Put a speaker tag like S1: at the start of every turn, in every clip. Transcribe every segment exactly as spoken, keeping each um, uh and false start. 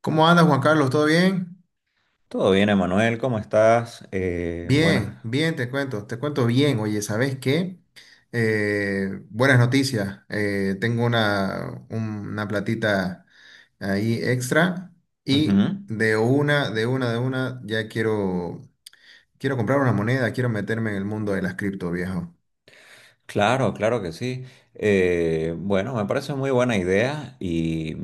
S1: ¿Cómo andas, Juan Carlos? ¿Todo bien?
S2: Todo bien, Emanuel, ¿cómo estás? Eh, buenas.
S1: Bien, bien, te cuento, te cuento bien. Oye, ¿sabes qué? Eh, buenas noticias. Eh, tengo una, un- una platita ahí extra y
S2: Ujú.
S1: de una, de una, de una, ya quiero, quiero comprar una moneda, quiero meterme en el mundo de las cripto, viejo.
S2: Claro, claro que sí. Eh, bueno, me parece muy buena idea y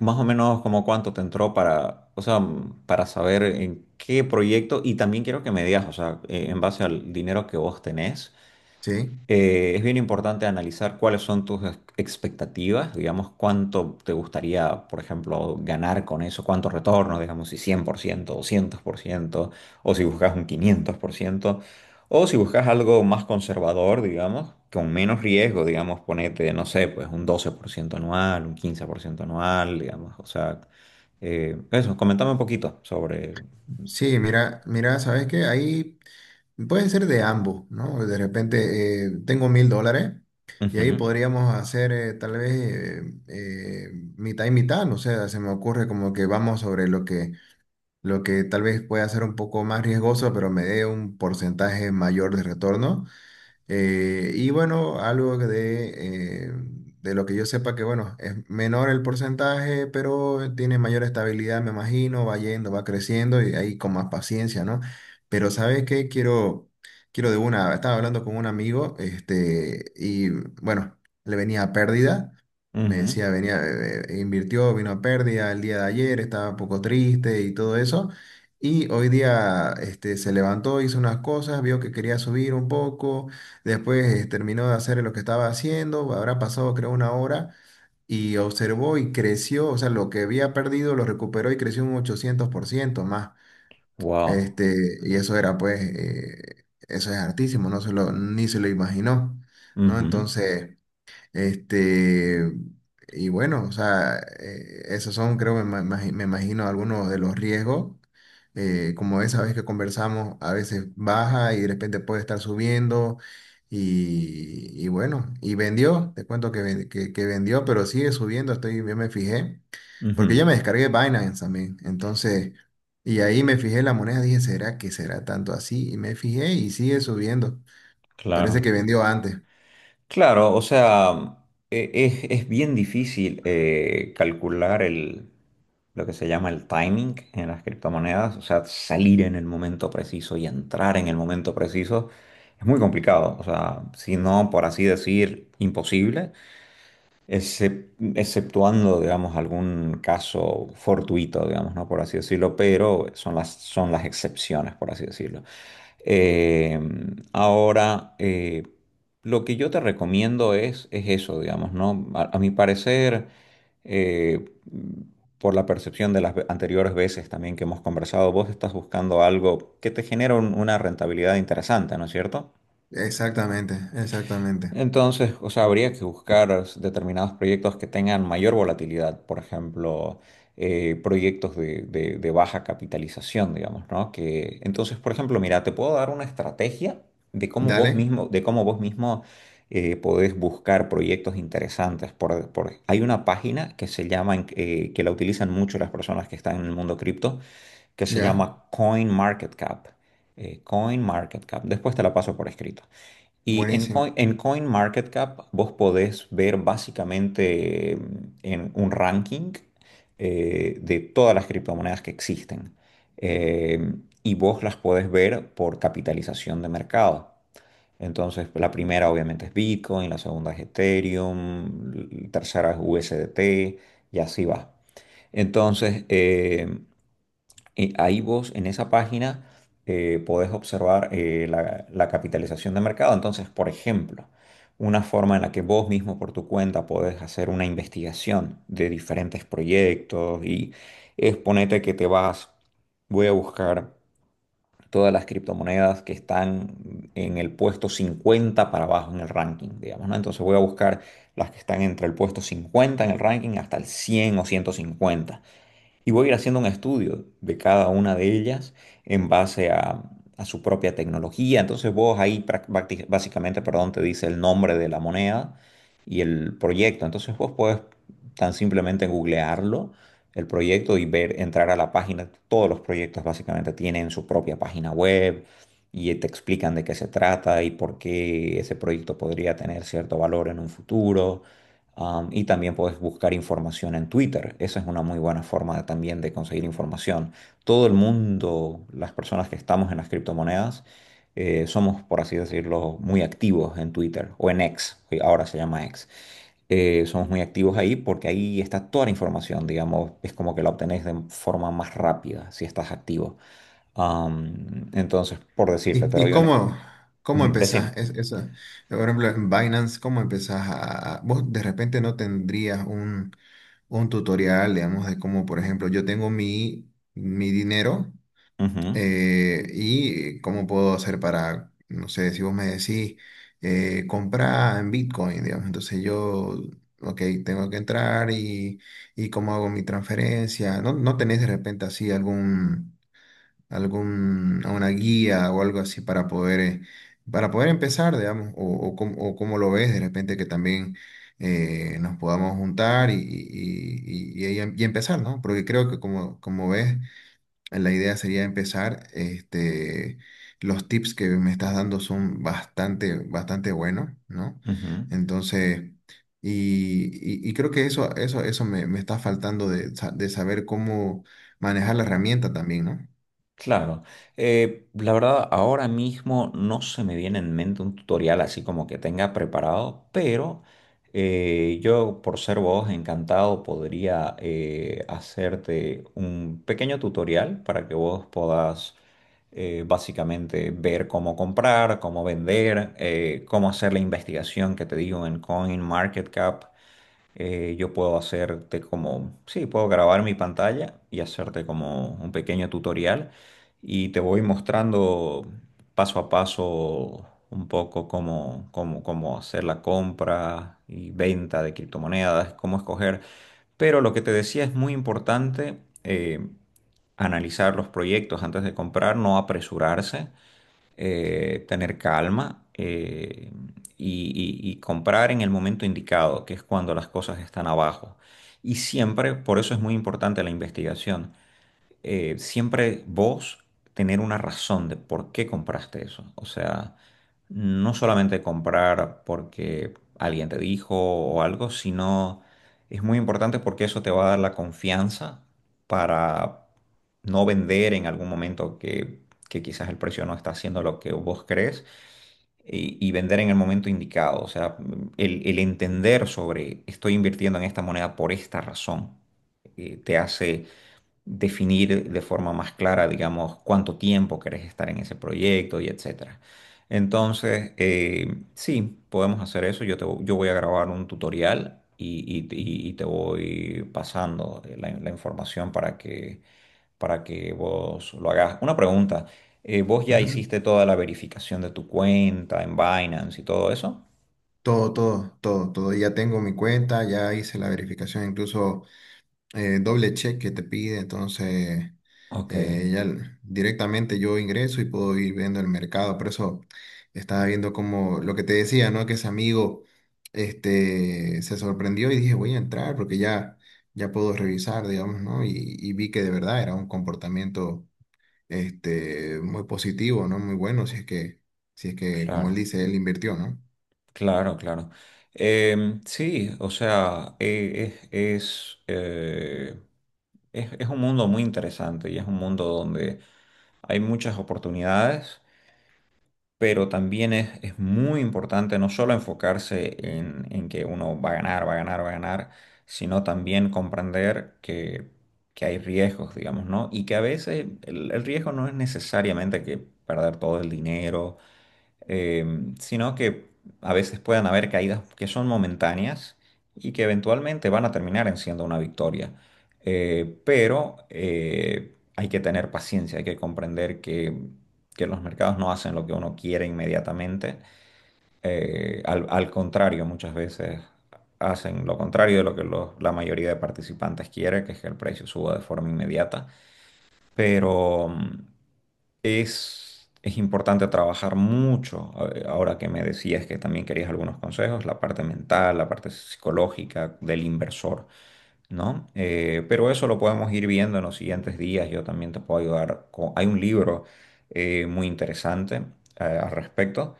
S2: más o menos como cuánto te entró para, o sea, para saber en qué proyecto y también quiero que me digas, o sea, eh, en base al dinero que vos tenés.
S1: Sí,
S2: Eh, es bien importante analizar cuáles son tus ex- expectativas, digamos, cuánto te gustaría, por ejemplo, ganar con eso, cuánto retorno, digamos, si cien por ciento doscientos por ciento o si buscas un quinientos por ciento o si buscas algo más conservador, digamos, con menos riesgo, digamos, ponete, no sé, pues un doce por ciento anual, un quince por ciento anual, digamos, o sea, eh, eso, comentame un poquito sobre.
S1: sí, mira, mira, ¿sabes qué? Ahí puede ser de ambos, ¿no? De repente, eh, tengo mil dólares y ahí
S2: Ujú,
S1: podríamos hacer, eh, tal vez, eh, eh, mitad y mitad, no sé, se me ocurre como que vamos sobre lo que, lo que tal vez pueda ser un poco más riesgoso, pero me dé un porcentaje mayor de retorno. Eh, y bueno, algo de, eh, de lo que yo sepa que, bueno, es menor el porcentaje, pero tiene mayor estabilidad, me imagino, va yendo, va creciendo y ahí con más paciencia, ¿no? Pero ¿sabes qué? Quiero, quiero de una, estaba hablando con un amigo, este, y bueno, le venía a pérdida. Me
S2: ujú,
S1: decía, venía, eh, eh, invirtió, vino a pérdida el día de ayer, estaba un poco triste y todo eso. Y hoy día, este, se levantó, hizo unas cosas, vio que quería subir un poco. Después, eh, terminó de hacer lo que estaba haciendo, habrá pasado creo una hora y observó y creció, o sea, lo que había perdido lo recuperó y creció un ochocientos por ciento más.
S2: wow,
S1: Este, y eso era pues, eh, eso es hartísimo, no se lo, ni se lo imaginó, ¿no?
S2: ujú,
S1: Entonces... Este, y bueno, o sea, eh, esos son, creo, me, ma- imagi- me imagino, algunos de los riesgos. Eh, como esa vez que conversamos, a veces baja y de repente puede estar subiendo. Y, y bueno, y vendió, te cuento que, ven- que, que vendió, pero sigue subiendo, estoy, yo me fijé, porque
S2: ujú,
S1: yo me descargué Binance también. Entonces, y ahí me fijé la moneda, dije, ¿será que será tanto así? Y me fijé y sigue subiendo. Parece
S2: claro.
S1: que vendió antes.
S2: Claro, o sea, e- es, es bien difícil eh, calcular el, lo que se llama el timing en las criptomonedas, o sea, salir en el momento preciso y entrar en el momento preciso es muy complicado, o sea, si no, por así decir, imposible, excep- exceptuando, digamos, algún caso fortuito, digamos, ¿no? Por así decirlo, pero son las, son las excepciones, por así decirlo. Eh, Ahora, eh, lo que yo te recomiendo es, es eso, digamos, ¿no? A, a mi parecer, eh, por la percepción de las ve- anteriores veces también que hemos conversado, vos estás buscando algo que te genere un- una rentabilidad interesante, ¿no es cierto?
S1: Exactamente, exactamente.
S2: Entonces, o sea, habría que buscar determinados proyectos que tengan mayor volatilidad, por ejemplo, eh, proyectos de, de- de baja capitalización, digamos, ¿no? Que, entonces, por ejemplo, mira, te puedo dar una estrategia de cómo
S1: Dale,
S2: vos mismo, de cómo vos mismo eh, podés buscar proyectos interesantes. Por, por- hay una página que se llama, en- eh, que la utilizan mucho las personas que están en el mundo cripto, que se
S1: ya,
S2: llama CoinMarketCap. eh, CoinMarketCap. Después te la paso por escrito. Y en
S1: buenísimo.
S2: Coin, en CoinMarketCap vos podés ver básicamente mm, en un ranking eh, de todas las criptomonedas que existen. Eh, y vos las podés ver por capitalización de mercado. Entonces, la primera obviamente es Bitcoin, la segunda es Ethereum, la tercera es U S D T y así va. Entonces, eh, y ahí vos en esa página eh, podés observar eh, la, la capitalización de mercado. Entonces, por ejemplo, una forma en la que vos mismo por tu cuenta podés hacer una investigación de diferentes proyectos y es ponete que te vas, voy a buscar todas las criptomonedas que están en el puesto cincuenta para abajo en el ranking, digamos, ¿no? Entonces voy a buscar las que están entre el puesto cincuenta en el ranking hasta el cien o ciento cincuenta y voy a ir haciendo un estudio de cada una de ellas en base a, a su propia tecnología. Entonces vos ahí prac- bacti- básicamente, perdón, te dice el nombre de la moneda y el proyecto. Entonces vos podés tan simplemente googlearlo, el proyecto y ver, entrar a la página. Todos los proyectos básicamente tienen su propia página web y te explican de qué se trata y por qué ese proyecto podría tener cierto valor en un futuro. Am, y también puedes buscar información en Twitter. Esa es una muy buena forma de- también de conseguir información. Todo el mundo, las personas que estamos en las criptomonedas, eh, somos, por así decirlo, muy activos en Twitter o en X, que ahora se llama X. Eh, somos muy activos ahí porque ahí está toda la información, digamos, es como que la obtenés de forma más rápida si estás activo. Am, entonces, por decirte, te
S1: ¿Y, y
S2: doy un e-
S1: cómo, cómo
S2: Ujú,
S1: empezás?
S2: decime.
S1: Es, Eso, por ejemplo, en Binance, ¿cómo empezás a... a- Vos de repente no tendrías un, un tutorial, digamos, de cómo, por ejemplo, yo tengo mi, mi dinero,
S2: Ujú,
S1: eh, y cómo puedo hacer para, no sé, si vos me decís, eh, comprar en Bitcoin, digamos, entonces yo, ok, tengo que entrar y, y cómo hago mi transferencia. ¿No, no tenés de repente así algún... algún, a una guía o algo así para poder, eh, para poder empezar, digamos, o, o, cómo, o cómo lo ves de repente que también, eh, nos podamos juntar y, y, y, y- y- empezar, ¿no? Porque creo que como, como ves, la idea sería empezar, este, los tips que me estás dando son bastante, bastante buenos, ¿no?
S2: ujú.
S1: Entonces... Y, y- y creo que eso, eso, eso me, me está faltando de, sa- de saber cómo manejar la herramienta también, ¿no?
S2: Claro, Eh, la verdad ahora mismo no se me viene en mente un tutorial así como que tenga preparado, pero eh, yo por ser vos encantado podría eh, hacerte un pequeño tutorial para que vos puedas eh, básicamente ver cómo comprar, cómo vender, eh, cómo hacer la investigación que te digo en CoinMarketCap. Eh, yo puedo hacerte como, sí, puedo grabar mi pantalla y hacerte como un pequeño tutorial y te voy mostrando paso a paso un poco cómo, cómo, cómo hacer la compra y venta de criptomonedas, cómo escoger. Pero lo que te decía es muy importante eh, analizar los proyectos antes de comprar, no apresurarse, eh, tener calma, eh, y, y- y comprar en el momento indicado, que es cuando las cosas están abajo. Y siempre, por eso es muy importante la investigación, eh, siempre vos tener una razón de por qué compraste eso. O sea, no solamente comprar porque alguien te dijo o algo, sino es muy importante porque eso te va a dar la confianza para no vender en algún momento que, que quizás el precio no está haciendo lo que vos crees. Y, y vender en el momento indicado, o sea, el, el entender sobre estoy invirtiendo en esta moneda por esta razón, eh, te hace definir de forma más clara, digamos, cuánto tiempo querés estar en ese proyecto y etcétera. Entonces, eh, sí, podemos hacer eso. Yo, te, vo- yo voy a grabar un tutorial y, y- y- y te voy pasando eh, la, la información para que, para que vos lo hagas. Una pregunta, eh, ¿vos ya
S1: Ujú.
S2: hiciste toda la verificación de tu cuenta en Binance y todo eso?
S1: Todo, todo, todo, todo. Ya tengo mi cuenta, ya hice la verificación, incluso eh, doble check que te pide, entonces
S2: Ok,
S1: eh, ya l- directamente yo ingreso y puedo ir viendo el mercado. Por eso estaba viendo como lo que te decía, ¿no? Que ese amigo, este, se sorprendió y dije, voy a entrar porque ya, ya puedo revisar, digamos, ¿no? Y, y vi que de verdad era un comportamiento, este, muy positivo, ¿no? Muy bueno, si es que, si es que, como él
S2: claro.
S1: dice, él invirtió, ¿no?
S2: Claro, claro. Em, sí, o sea, eh, es, es, eh, es, es un mundo muy interesante y es un mundo donde hay muchas oportunidades, pero también es, es muy importante no solo enfocarse en, en que uno va a ganar, va a ganar, va a ganar, sino también comprender que, que hay riesgos, digamos, ¿no? Y que a veces el, el riesgo no es necesariamente que perder todo el dinero, eh, sino que a veces puedan haber caídas que son momentáneas y que eventualmente van a terminar en siendo una victoria. Eh, pero eh, hay que tener paciencia, hay que comprender que, que los mercados no hacen lo que uno quiere inmediatamente. Eh, al, al contrario, muchas veces hacen lo contrario de lo que los- la mayoría de participantes quiere, que es que el precio suba de forma inmediata. Pero, mm, es, es importante trabajar mucho, a- ahora que me decías que también querías algunos consejos, la parte mental, la parte psicológica del inversor, ¿no? Eh, pero eso lo podemos ir viendo en los siguientes días. Yo también te puedo ayudar con- Hay un libro eh, muy interesante eh, al respecto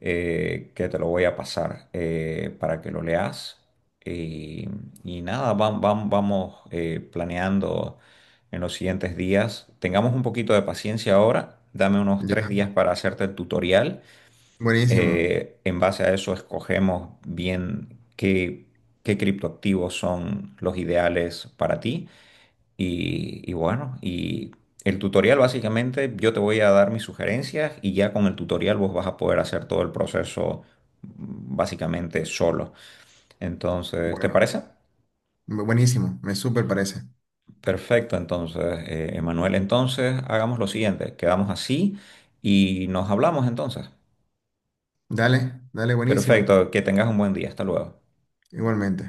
S2: eh, que te lo voy a pasar eh, para que lo leas. Y, y nada, vam- vam- vamos eh, planeando en los siguientes días. Tengamos un poquito de paciencia ahora. Dame unos
S1: Ya,
S2: tres días para hacerte el tutorial,
S1: buenísimo.
S2: eh, en base a eso escogemos bien qué, qué criptoactivos son los ideales para ti. Y, y bueno, y el tutorial básicamente yo te voy a dar mis sugerencias y ya con el tutorial vos vas a poder hacer todo el proceso, mm, básicamente solo. Entonces, ¿te
S1: Bueno,
S2: parece?
S1: buenísimo, me súper parece.
S2: Perfecto, entonces, eh, Emanuel, entonces hagamos lo siguiente, quedamos así y nos hablamos entonces.
S1: Dale, dale, buenísimo.
S2: Perfecto, que tengas un buen día, hasta luego.
S1: Igualmente.